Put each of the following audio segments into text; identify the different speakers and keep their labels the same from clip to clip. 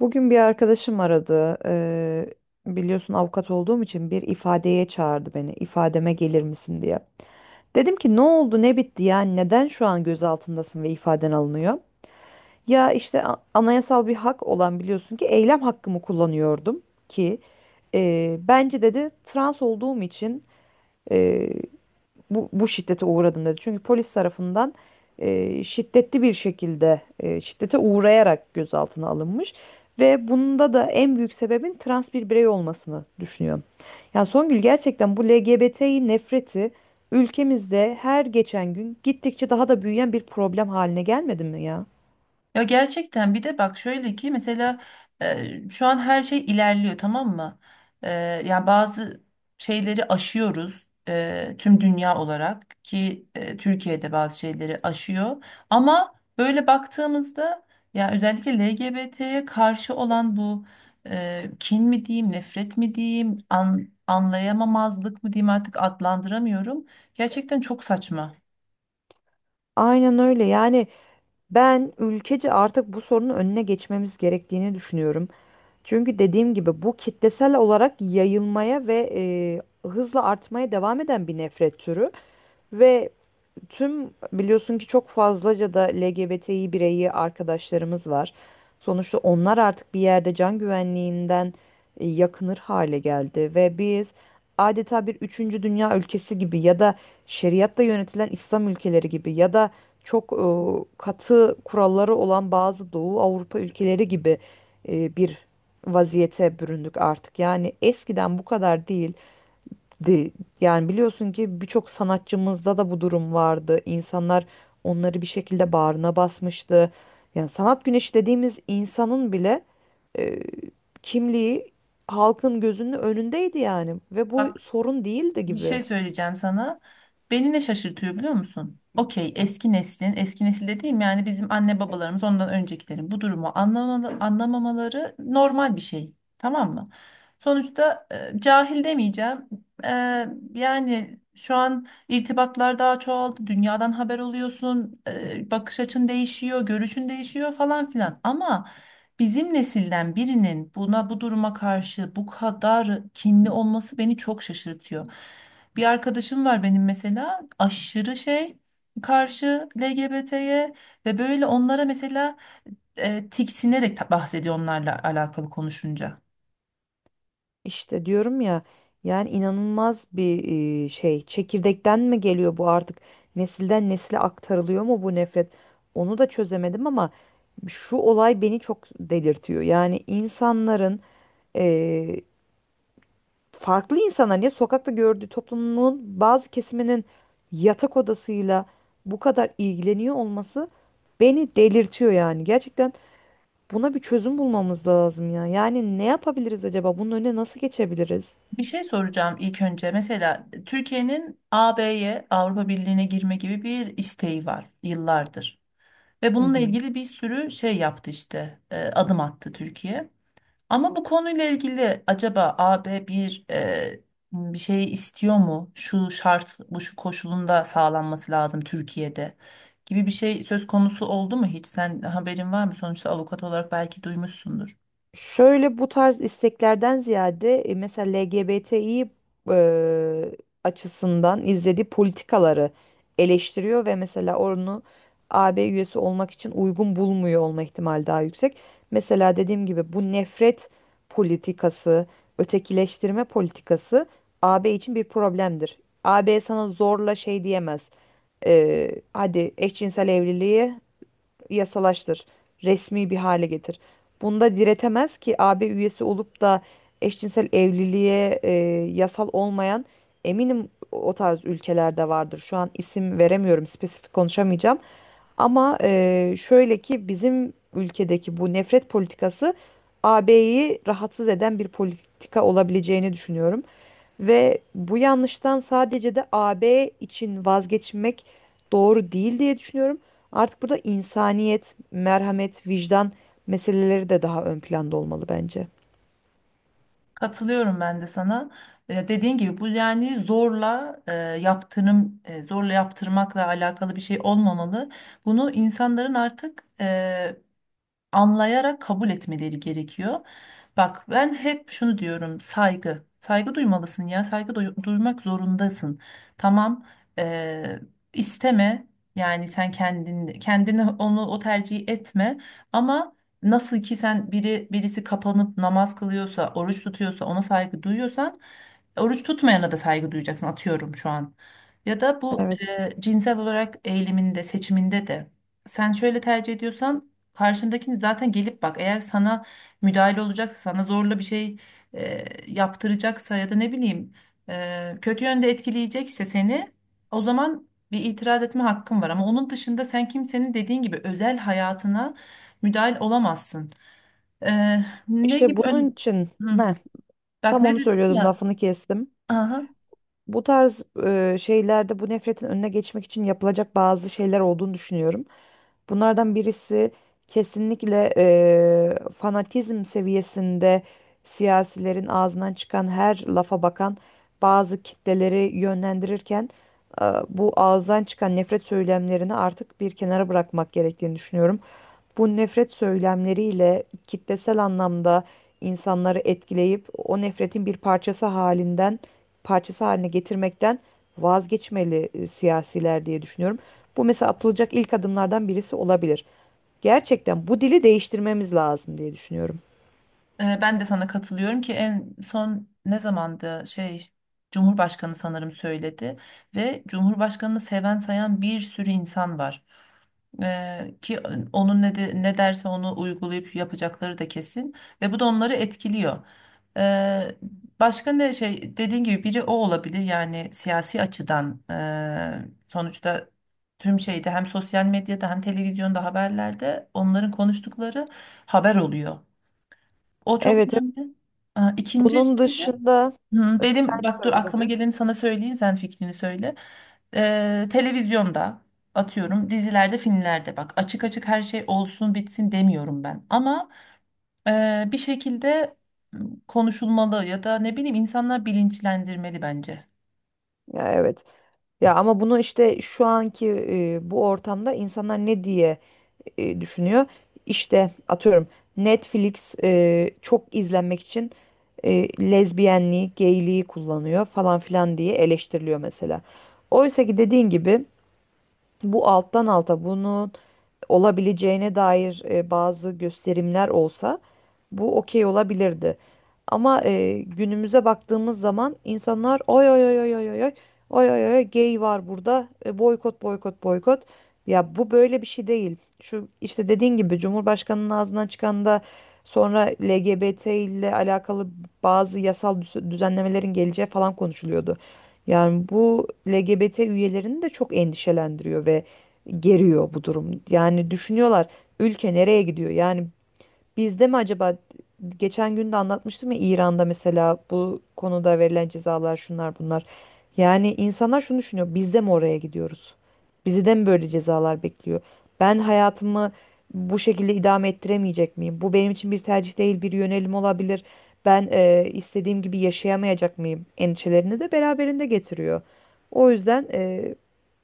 Speaker 1: Bugün bir arkadaşım aradı. Biliyorsun avukat olduğum için bir ifadeye çağırdı beni. İfademe gelir misin diye. Dedim ki ne oldu, ne bitti yani neden şu an gözaltındasın ve ifaden alınıyor? Ya işte anayasal bir hak olan biliyorsun ki eylem hakkımı kullanıyordum ki bence dedi trans olduğum için bu şiddete uğradım dedi. Çünkü polis tarafından şiddetli bir şekilde şiddete uğrayarak gözaltına alınmış ve bunda da en büyük sebebin trans bir birey olmasını düşünüyorum. Yani Songül, gerçekten bu LGBT'yi nefreti ülkemizde her geçen gün gittikçe daha da büyüyen bir problem haline gelmedi mi ya?
Speaker 2: Ya gerçekten bir de bak şöyle ki mesela şu an her şey ilerliyor, tamam mı? E, Yani bazı şeyleri aşıyoruz, tüm dünya olarak ki Türkiye'de bazı şeyleri aşıyor. Ama böyle baktığımızda ya özellikle LGBT'ye karşı olan bu kin mi diyeyim, nefret mi diyeyim, anlayamamazlık mı diyeyim, artık adlandıramıyorum. Gerçekten çok saçma.
Speaker 1: Aynen öyle. Yani ben ülkece artık bu sorunun önüne geçmemiz gerektiğini düşünüyorum. Çünkü dediğim gibi bu kitlesel olarak yayılmaya ve hızla artmaya devam eden bir nefret türü ve tüm biliyorsun ki çok fazlaca da LGBTİ bireyi arkadaşlarımız var. Sonuçta onlar artık bir yerde can güvenliğinden yakınır hale geldi ve biz adeta bir üçüncü dünya ülkesi gibi ya da şeriatla yönetilen İslam ülkeleri gibi ya da çok katı kuralları olan bazı Doğu Avrupa ülkeleri gibi bir vaziyete büründük artık. Yani eskiden bu kadar değil di- Yani biliyorsun ki birçok sanatçımızda da bu durum vardı. İnsanlar onları bir şekilde bağrına basmıştı. Yani sanat güneşi dediğimiz insanın bile e, kimliği halkın gözünün önündeydi yani ve bu sorun değildi
Speaker 2: Bir
Speaker 1: gibi.
Speaker 2: şey söyleyeceğim sana. Beni ne şaşırtıyor biliyor musun? Okey, eski neslin, eski nesil dediğim yani bizim anne babalarımız ondan öncekilerin bu durumu anlamalı, anlamamaları normal bir şey. Tamam mı? Sonuçta cahil demeyeceğim. E, Yani şu an irtibatlar daha çoğaldı. Dünyadan haber oluyorsun. Bakış açın değişiyor, görüşün değişiyor falan filan. Ama... bizim nesilden birinin buna bu duruma karşı bu kadar kinli olması beni çok şaşırtıyor. Bir arkadaşım var benim mesela, aşırı şey, karşı LGBT'ye, ve böyle onlara mesela tiksinerek bahsediyor onlarla alakalı konuşunca.
Speaker 1: İşte diyorum ya, yani inanılmaz bir şey, çekirdekten mi geliyor bu, artık nesilden nesile aktarılıyor mu bu nefret, onu da çözemedim ama şu olay beni çok delirtiyor yani insanların e, farklı insanların, ya sokakta gördüğü toplumun bazı kesiminin yatak odasıyla bu kadar ilgileniyor olması beni delirtiyor yani. Gerçekten buna bir çözüm bulmamız lazım ya, yani ne yapabiliriz acaba, bunun önüne nasıl geçebiliriz?
Speaker 2: Bir şey soracağım ilk önce. Mesela Türkiye'nin AB'ye, Avrupa Birliği'ne girme gibi bir isteği var yıllardır. Ve
Speaker 1: Hı
Speaker 2: bununla
Speaker 1: hı.
Speaker 2: ilgili bir sürü şey yaptı işte, adım attı Türkiye. Ama bu konuyla ilgili acaba A B bir bir şey istiyor mu? Şu şart, bu şu koşulunda sağlanması lazım Türkiye'de gibi bir şey söz konusu oldu mu hiç? Sen, haberin var mı? Sonuçta avukat olarak belki duymuşsundur.
Speaker 1: Şöyle, bu tarz isteklerden ziyade mesela LGBTİ e, açısından izlediği politikaları eleştiriyor ve mesela onu AB üyesi olmak için uygun bulmuyor olma ihtimali daha yüksek. Mesela dediğim gibi bu nefret politikası, ötekileştirme politikası AB için bir problemdir. AB sana zorla şey diyemez. Hadi eşcinsel evliliği yasalaştır, resmi bir hale getir. Bunda diretemez ki AB üyesi olup da eşcinsel evliliğe yasal olmayan, eminim o tarz ülkelerde vardır. Şu an isim veremiyorum, spesifik konuşamayacağım. Ama şöyle ki bizim ülkedeki bu nefret politikası AB'yi rahatsız eden bir politika olabileceğini düşünüyorum. Ve bu yanlıştan sadece de AB için vazgeçmek doğru değil diye düşünüyorum. Artık burada insaniyet, merhamet, vicdan meseleleri de daha ön planda olmalı bence.
Speaker 2: Katılıyorum ben de sana. Dediğin gibi bu, yani zorla yaptırım, zorla yaptırmakla alakalı bir şey olmamalı. Bunu insanların artık anlayarak kabul etmeleri gerekiyor. Bak ben hep şunu diyorum, saygı. Saygı duymalısın, ya saygı duymak zorundasın. Tamam, eee, isteme, yani sen kendin kendini onu o tercihi etme, ama nasıl ki sen birisi kapanıp namaz kılıyorsa oruç tutuyorsa ona saygı duyuyorsan, oruç tutmayana da saygı duyacaksın, atıyorum şu an. Ya da bu
Speaker 1: Evet.
Speaker 2: cinsel olarak eğiliminde, seçiminde de sen şöyle tercih ediyorsan, karşındakini zaten gelip bak, eğer sana müdahale olacaksa, sana zorla bir şey e, yaptıracaksa, ya da ne bileyim kötü yönde etkileyecekse seni, o zaman bir itiraz etme hakkın var, ama onun dışında sen kimsenin dediğin gibi özel hayatına müdahil olamazsın. E, Ne
Speaker 1: İşte
Speaker 2: gibi
Speaker 1: bunun için
Speaker 2: hı,
Speaker 1: ne?
Speaker 2: bak
Speaker 1: Tam
Speaker 2: ne
Speaker 1: onu
Speaker 2: dedim
Speaker 1: söylüyordum,
Speaker 2: ya,
Speaker 1: lafını kestim.
Speaker 2: aha,
Speaker 1: Bu tarz şeylerde bu nefretin önüne geçmek için yapılacak bazı şeyler olduğunu düşünüyorum. Bunlardan birisi kesinlikle fanatizm seviyesinde siyasilerin ağzından çıkan her lafa bakan bazı kitleleri yönlendirirken bu ağızdan çıkan nefret söylemlerini artık bir kenara bırakmak gerektiğini düşünüyorum. Bu nefret söylemleriyle kitlesel anlamda insanları etkileyip o nefretin bir parçası halinden parçası haline getirmekten vazgeçmeli siyasiler diye düşünüyorum. Bu mesela atılacak ilk adımlardan birisi olabilir. Gerçekten bu dili değiştirmemiz lazım diye düşünüyorum.
Speaker 2: Ben de sana katılıyorum ki en son ne zamandı şey, Cumhurbaşkanı sanırım söyledi, ve Cumhurbaşkanı'nı seven sayan bir sürü insan var. Ki onun ne derse onu uygulayıp yapacakları da kesin, ve bu da onları etkiliyor. Ee, Başka ne şey, dediğin gibi biri o olabilir, yani siyasi açıdan, sonuçta tüm şeyde, hem sosyal medyada hem televizyonda haberlerde onların konuştukları haber oluyor. O çok
Speaker 1: Evet, evet.
Speaker 2: önemli. Aa, İkinci
Speaker 1: Bunun
Speaker 2: şey de
Speaker 1: dışında,
Speaker 2: hı,
Speaker 1: sen
Speaker 2: benim, bak dur
Speaker 1: söyle
Speaker 2: aklıma
Speaker 1: tabii.
Speaker 2: geleni sana söyleyeyim, sen fikrini söyle. Televizyonda atıyorum dizilerde filmlerde, bak açık açık her şey olsun bitsin demiyorum ben. Ama bir şekilde m, konuşulmalı ya da ne bileyim, insanlar bilinçlendirmeli bence.
Speaker 1: Ya evet. Ya ama bunu işte şu anki bu ortamda insanlar ne diye düşünüyor? İşte atıyorum, Netflix çok izlenmek için e, lezbiyenliği, geyliği kullanıyor falan filan diye eleştiriliyor mesela. Oysa ki dediğin gibi bu alttan alta bunu olabileceğine dair bazı gösterimler olsa, bu okey olabilirdi. Ama günümüze baktığımız zaman insanlar, oy oy oy oy oy oy oy oy oy oy, gay var burada, boykot boykot boykot. Ya bu böyle bir şey değil. Şu işte dediğin gibi Cumhurbaşkanının ağzından çıkan da, sonra LGBT ile alakalı bazı yasal düzenlemelerin geleceği falan konuşuluyordu. Yani bu LGBT üyelerini de çok endişelendiriyor ve geriyor bu durum. Yani düşünüyorlar, ülke nereye gidiyor? Yani bizde mi acaba, geçen gün de anlatmıştım ya, İran'da mesela bu konuda verilen cezalar şunlar bunlar. Yani insanlar şunu düşünüyor, biz de mi oraya gidiyoruz? Bizi de mi böyle cezalar bekliyor? Ben hayatımı bu şekilde idame ettiremeyecek miyim? Bu benim için bir tercih değil, bir yönelim olabilir. Ben istediğim gibi yaşayamayacak mıyım? Endişelerini de beraberinde getiriyor. O yüzden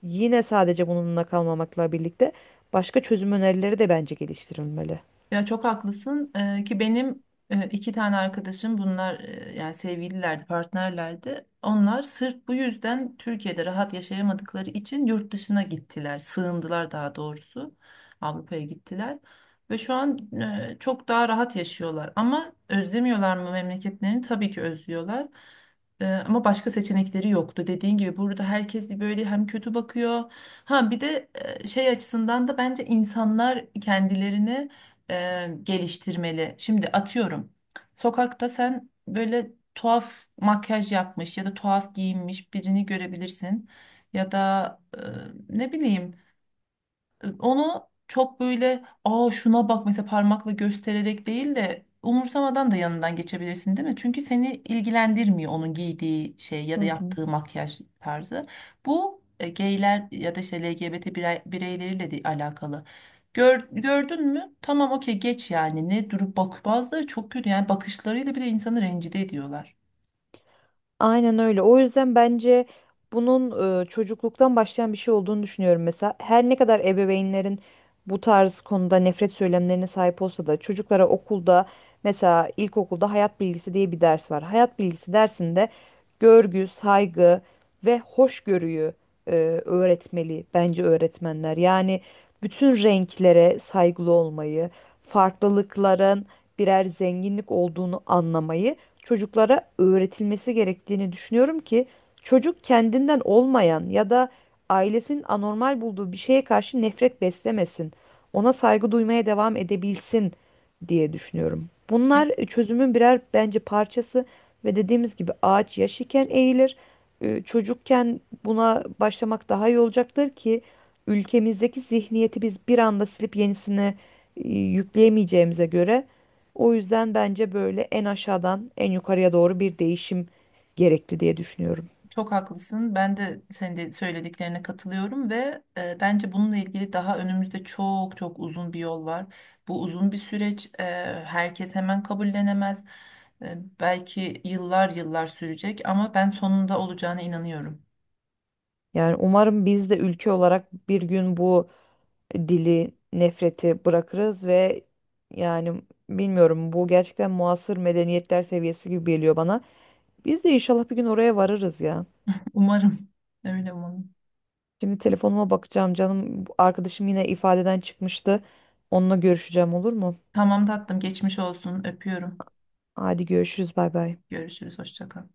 Speaker 1: yine sadece bununla kalmamakla birlikte başka çözüm önerileri de bence geliştirilmeli.
Speaker 2: Ya çok haklısın. Ki benim iki tane arkadaşım, bunlar yani sevgililerdi, partnerlerdi. Onlar sırf bu yüzden Türkiye'de rahat yaşayamadıkları için yurt dışına gittiler, sığındılar daha doğrusu. Avrupa'ya gittiler ve şu an çok daha rahat yaşıyorlar. Ama özlemiyorlar mı memleketlerini? Tabii ki özlüyorlar. Ama başka seçenekleri yoktu. Dediğin gibi burada herkes bir böyle hem kötü bakıyor. Ha bir de şey açısından da bence insanlar kendilerine geliştirmeli. Şimdi atıyorum, sokakta sen böyle tuhaf makyaj yapmış ya da tuhaf giyinmiş birini görebilirsin. Ya da ne bileyim, onu çok böyle aa şuna bak mesela parmakla göstererek değil de umursamadan da yanından geçebilirsin değil mi? Çünkü seni ilgilendirmiyor onun giydiği şey ya
Speaker 1: Hı
Speaker 2: da
Speaker 1: hı.
Speaker 2: yaptığı makyaj tarzı. Bu gayler ya da işte LGBT bireyleriyle de alakalı. Gördün mü? Tamam okey, geç yani. Ne durup bak, bazıları çok kötü yani, bakışlarıyla bile insanı rencide ediyorlar.
Speaker 1: Aynen öyle. O yüzden bence bunun çocukluktan başlayan bir şey olduğunu düşünüyorum. Mesela her ne kadar ebeveynlerin bu tarz konuda nefret söylemlerine sahip olsa da, çocuklara okulda, mesela ilkokulda hayat bilgisi diye bir ders var. Hayat bilgisi dersinde görgü, saygı ve hoşgörüyü e, öğretmeli bence öğretmenler. Yani bütün renklere saygılı olmayı, farklılıkların birer zenginlik olduğunu anlamayı çocuklara öğretilmesi gerektiğini düşünüyorum ki çocuk kendinden olmayan ya da ailesinin anormal bulduğu bir şeye karşı nefret beslemesin. Ona saygı duymaya devam edebilsin diye düşünüyorum. Bunlar çözümün birer bence parçası, ve dediğimiz gibi ağaç yaş iken eğilir. Çocukken buna başlamak daha iyi olacaktır ki ülkemizdeki zihniyeti biz bir anda silip yenisini yükleyemeyeceğimize göre, o yüzden bence böyle en aşağıdan en yukarıya doğru bir değişim gerekli diye düşünüyorum.
Speaker 2: Çok haklısın. Ben de senin de söylediklerine katılıyorum, ve bence bununla ilgili daha önümüzde çok çok uzun bir yol var. Bu uzun bir süreç. Herkes hemen kabullenemez. Belki yıllar yıllar sürecek, ama ben sonunda olacağına inanıyorum.
Speaker 1: Yani umarım biz de ülke olarak bir gün bu dili, nefreti bırakırız ve, yani bilmiyorum, bu gerçekten muasır medeniyetler seviyesi gibi geliyor bana. Biz de inşallah bir gün oraya varırız ya.
Speaker 2: Umarım. Öyle umarım.
Speaker 1: Şimdi telefonuma bakacağım canım. Bu arkadaşım yine ifadeden çıkmıştı. Onunla görüşeceğim, olur mu?
Speaker 2: Tamam tatlım. Geçmiş olsun. Öpüyorum.
Speaker 1: Hadi görüşürüz, bay bay.
Speaker 2: Görüşürüz. Hoşça kal.